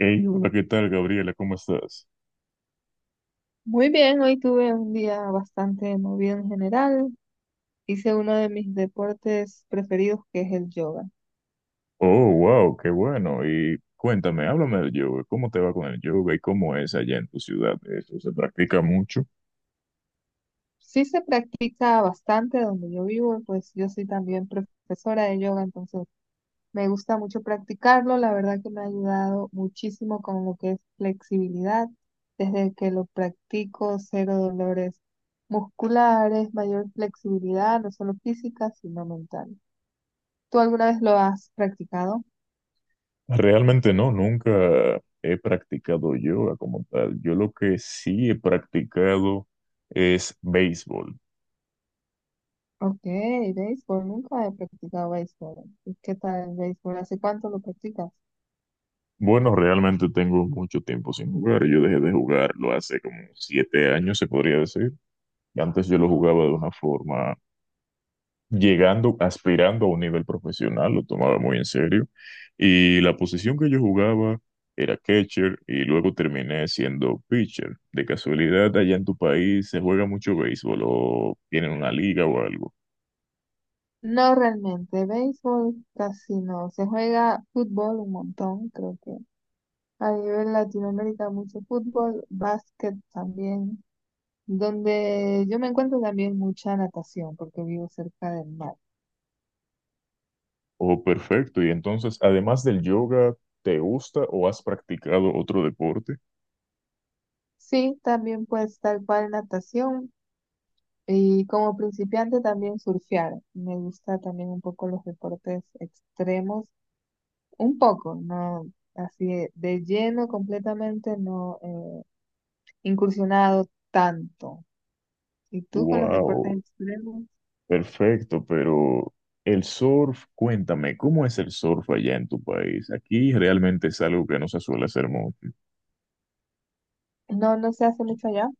Hey, hola, ¿qué tal, Gabriela? ¿Cómo estás? Muy bien, hoy tuve un día bastante movido en general. Hice uno de mis deportes preferidos que es el yoga. Oh, wow, qué bueno. Y cuéntame, háblame del yoga. ¿Cómo te va con el yoga y cómo es allá en tu ciudad? ¿Eso se practica mucho? Sí se practica bastante donde yo vivo, pues yo soy también profesora de yoga, entonces me gusta mucho practicarlo. La verdad que me ha ayudado muchísimo con lo que es flexibilidad. Desde que lo practico, cero dolores musculares, mayor flexibilidad, no solo física, sino mental. ¿Tú alguna vez lo has practicado? Realmente no, nunca he practicado yoga como tal. Yo lo que sí he practicado es béisbol. Ok, béisbol, nunca he practicado béisbol. ¿Y qué tal el béisbol? ¿Hace cuánto lo practicas? Bueno, realmente tengo mucho tiempo sin jugar. Yo dejé de jugarlo hace como 7 años, se podría decir. Antes yo lo jugaba de una forma llegando, aspirando a un nivel profesional, lo tomaba muy en serio. Y la posición que yo jugaba era catcher y luego terminé siendo pitcher. De casualidad, allá en tu país se juega mucho béisbol o tienen una liga o algo. No realmente, béisbol casi no. Se juega fútbol un montón, creo que a nivel Latinoamérica mucho fútbol, básquet también, donde yo me encuentro también mucha natación porque vivo cerca del mar. Oh, perfecto. Y entonces, además del yoga, ¿te gusta o has practicado otro deporte? Sí, también pues tal cual natación y como principiante también surfear. Me gusta también un poco los deportes extremos. Un poco, no así de lleno completamente, no incursionado tanto. ¿Y tú con los Wow, deportes extremos? perfecto, pero... el surf, cuéntame, ¿cómo es el surf allá en tu país? Aquí realmente es algo que no se suele hacer mucho. No, no se hace mucho allá.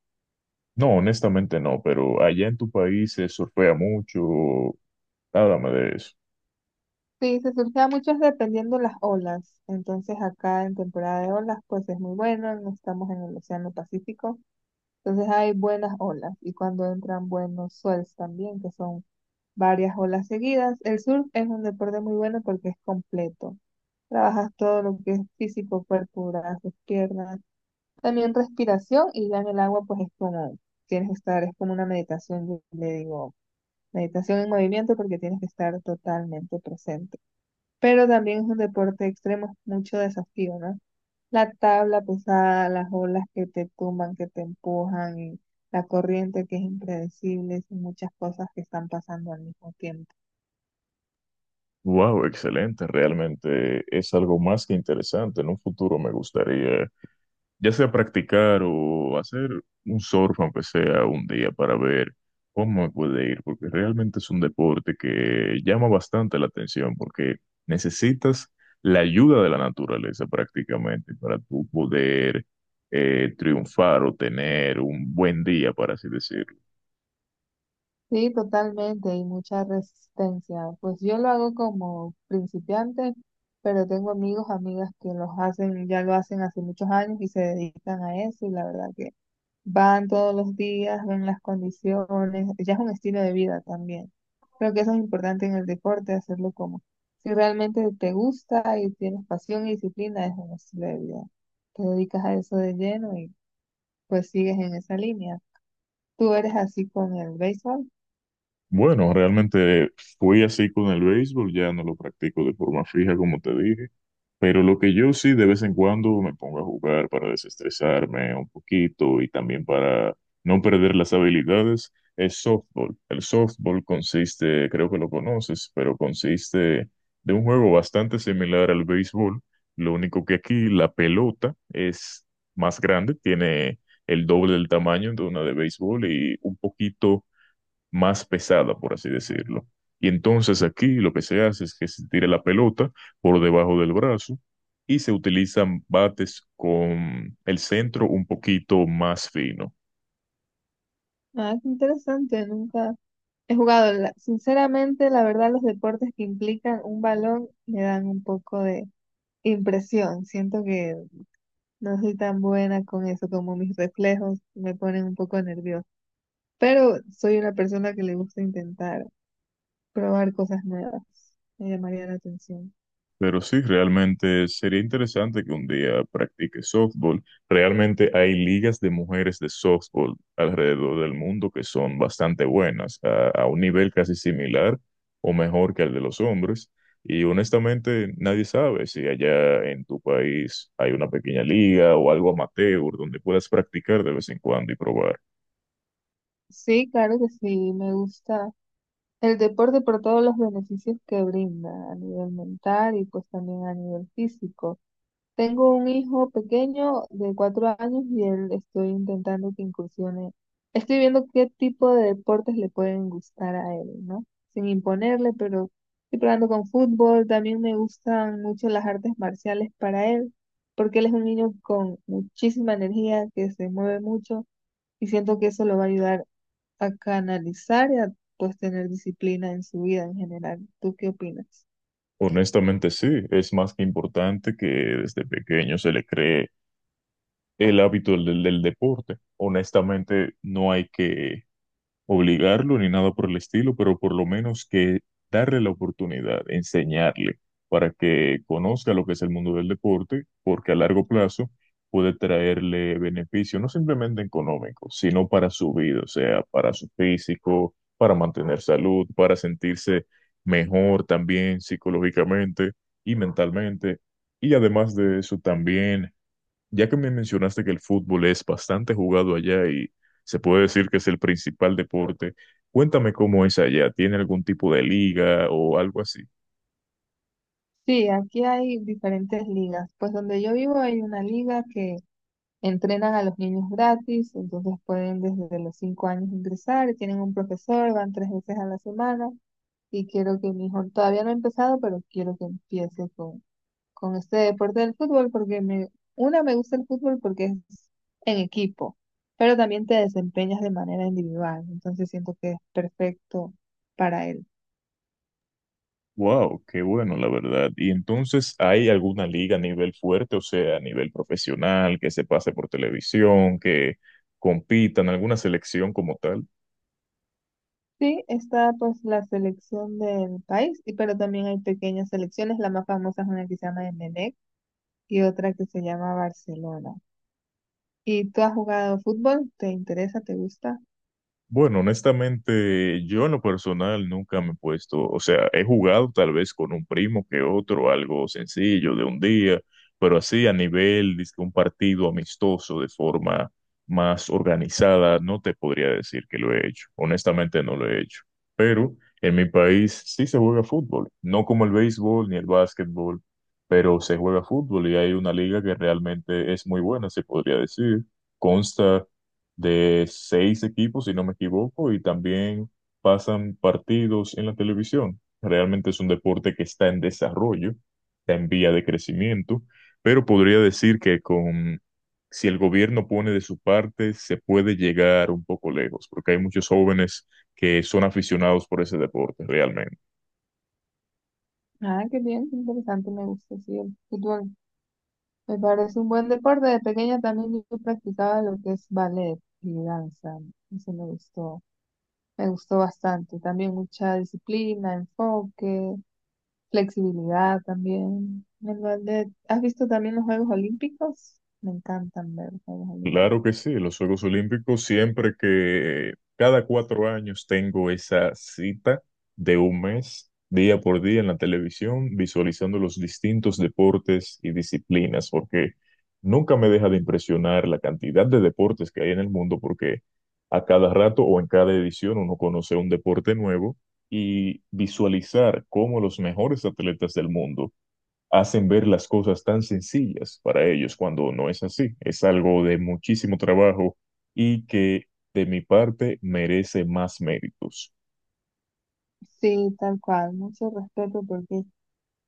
No, honestamente no, pero allá en tu país se surfea mucho. Háblame de eso. Sí, se surgía mucho dependiendo las olas. Entonces acá en temporada de olas, pues es muy bueno, no estamos en el Océano Pacífico. Entonces hay buenas olas y cuando entran buenos swells también, que son varias olas seguidas. El surf es un deporte muy bueno porque es completo. Trabajas todo lo que es físico, cuerpo, brazos, piernas. También respiración y ya en el agua pues es como, tienes que estar, es como una meditación, yo le digo, meditación en movimiento porque tienes que estar totalmente presente. Pero también es un deporte extremo, es mucho desafío, ¿no? La tabla pesada, las olas que te tumban, que te empujan, y la corriente que es impredecible, son muchas cosas que están pasando al mismo tiempo. Wow, excelente, realmente es algo más que interesante. En un futuro me gustaría, ya sea practicar o hacer un surf, aunque sea un día, para ver cómo me puede ir, porque realmente es un deporte que llama bastante la atención, porque necesitas la ayuda de la naturaleza prácticamente para tú poder triunfar o tener un buen día, para así decirlo. Sí, totalmente, y mucha resistencia. Pues yo lo hago como principiante, pero tengo amigos, amigas que los hacen, ya lo hacen hace muchos años y se dedican a eso, y la verdad que van todos los días, ven las condiciones, ya es un estilo de vida también. Creo que eso es importante en el deporte, hacerlo como si realmente te gusta y tienes pasión y disciplina, es un estilo de vida. Te dedicas a eso de lleno y pues sigues en esa línea. ¿Tú eres así con el béisbol? Bueno, realmente fui así con el béisbol, ya no lo practico de forma fija como te dije, pero lo que yo sí de vez en cuando me pongo a jugar para desestresarme un poquito y también para no perder las habilidades es softball. El softball consiste, creo que lo conoces, pero consiste de un juego bastante similar al béisbol, lo único que aquí la pelota es más grande, tiene el doble del tamaño de una de béisbol y un poquito más pesada, por así decirlo. Y entonces aquí lo que se hace es que se tira la pelota por debajo del brazo y se utilizan bates con el centro un poquito más fino. Ah, qué interesante, nunca he jugado. Sinceramente, la verdad, los deportes que implican un balón me dan un poco de impresión. Siento que no soy tan buena con eso, como mis reflejos me ponen un poco nerviosa. Pero soy una persona que le gusta intentar probar cosas nuevas. Me llamaría la atención. Pero sí, realmente sería interesante que un día practique softball. Realmente hay ligas de mujeres de softball alrededor del mundo que son bastante buenas, a un nivel casi similar o mejor que el de los hombres. Y honestamente, nadie sabe si allá en tu país hay una pequeña liga o algo amateur donde puedas practicar de vez en cuando y probar. Sí, claro que sí, me gusta el deporte por todos los beneficios que brinda a nivel mental y pues también a nivel físico. Tengo un hijo pequeño de 4 años y él estoy intentando que incursione. Estoy viendo qué tipo de deportes le pueden gustar a él, ¿no? Sin imponerle, pero estoy probando con fútbol. También me gustan mucho las artes marciales para él, porque él es un niño con muchísima energía, que se mueve mucho y siento que eso lo va a ayudar a canalizar y a pues tener disciplina en su vida en general. ¿Tú qué opinas? Honestamente, sí, es más que importante que desde pequeño se le cree el hábito del deporte. Honestamente, no hay que obligarlo ni nada por el estilo, pero por lo menos que darle la oportunidad, enseñarle para que conozca lo que es el mundo del deporte, porque a largo plazo puede traerle beneficio, no simplemente económico, sino para su vida, o sea, para su físico, para mantener salud, para sentirse mejor también psicológicamente y mentalmente. Y además de eso, también ya que me mencionaste que el fútbol es bastante jugado allá y se puede decir que es el principal deporte, cuéntame cómo es allá. ¿Tiene algún tipo de liga o algo así? Sí, aquí hay diferentes ligas. Pues donde yo vivo hay una liga que entrenan a los niños gratis, entonces pueden desde los 5 años ingresar, tienen un profesor, van tres veces a la semana y quiero que mi hijo, todavía no ha empezado, pero quiero que empiece con este deporte del fútbol porque me, una, me gusta el fútbol porque es en equipo, pero también te desempeñas de manera individual, entonces siento que es perfecto para él. Wow, qué bueno, la verdad. ¿Y entonces hay alguna liga a nivel fuerte, o sea, a nivel profesional, que se pase por televisión, que compitan, alguna selección como tal? Sí, está pues la selección del país, y pero también hay pequeñas selecciones. La más famosa es una que se llama Emelec y otra que se llama Barcelona. ¿Y tú has jugado fútbol? ¿Te interesa? ¿Te gusta? Bueno, honestamente, yo en lo personal nunca me he puesto, o sea, he jugado tal vez con un primo que otro, algo sencillo de un día, pero así a nivel de un partido amistoso de forma más organizada, no te podría decir que lo he hecho. Honestamente, no lo he hecho. Pero en mi país sí se juega fútbol, no como el béisbol ni el básquetbol, pero se juega fútbol y hay una liga que realmente es muy buena, se podría decir. Consta de 6 equipos, si no me equivoco, y también pasan partidos en la televisión. Realmente es un deporte que está en desarrollo, está en vía de crecimiento, pero podría decir que con, si el gobierno pone de su parte, se puede llegar un poco lejos, porque hay muchos jóvenes que son aficionados por ese deporte, realmente. Ah, qué bien, qué interesante, me gusta, sí, el fútbol me parece un buen deporte. De pequeña también yo practicaba lo que es ballet y danza. Eso me gustó bastante. También mucha disciplina, enfoque, flexibilidad también. El ballet. ¿Has visto también los Juegos Olímpicos? Me encantan ver los Juegos Claro Olímpicos. que sí, los Juegos Olímpicos siempre que cada 4 años tengo esa cita de un mes, día por día en la televisión, visualizando los distintos deportes y disciplinas, porque nunca me deja de impresionar la cantidad de deportes que hay en el mundo, porque a cada rato o en cada edición uno conoce un deporte nuevo y visualizar cómo los mejores atletas del mundo hacen ver las cosas tan sencillas para ellos cuando no es así. Es algo de muchísimo trabajo y que de mi parte merece más méritos. Sí, tal cual, mucho respeto porque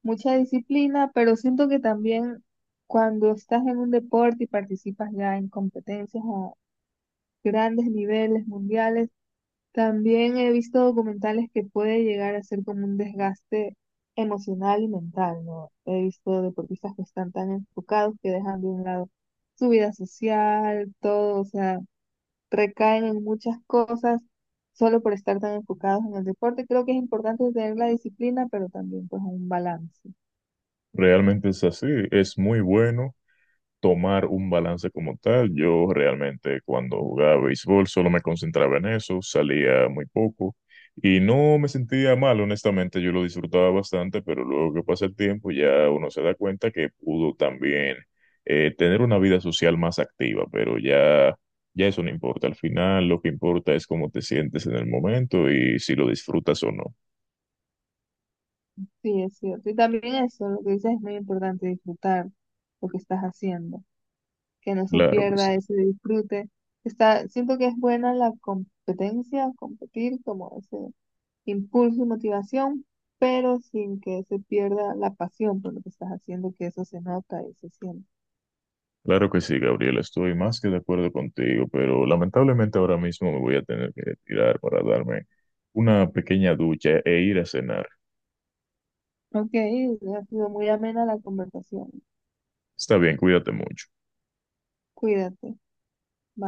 mucha disciplina, pero siento que también cuando estás en un deporte y participas ya en competencias a grandes niveles mundiales, también he visto documentales que puede llegar a ser como un desgaste emocional y mental, ¿no? He visto deportistas que están tan enfocados que dejan de un lado su vida social, todo, o sea, recaen en muchas cosas solo por estar tan enfocados en el deporte. Creo que es importante tener la disciplina, pero también pues un balance. Realmente es así, es muy bueno tomar un balance como tal. Yo realmente cuando jugaba béisbol solo me concentraba en eso, salía muy poco y no me sentía mal, honestamente, yo lo disfrutaba bastante, pero luego que pasa el tiempo ya uno se da cuenta que pudo también tener una vida social más activa, pero ya... Ya eso no importa, al final lo que importa es cómo te sientes en el momento y si lo disfrutas o no. Sí, es cierto. Y también eso, lo que dices es muy importante, disfrutar lo que estás haciendo, que no se Claro que sí. pierda ese disfrute. Está, siento que es buena la competencia, competir como ese impulso y motivación, pero sin que se pierda la pasión por lo que estás haciendo, que eso se nota y se siente. Claro que sí, Gabriela, estoy más que de acuerdo contigo, pero lamentablemente ahora mismo me voy a tener que retirar para darme una pequeña ducha e ir a cenar. Ok, ha sido muy amena la conversación. Está bien, cuídate mucho. Cuídate. Bye.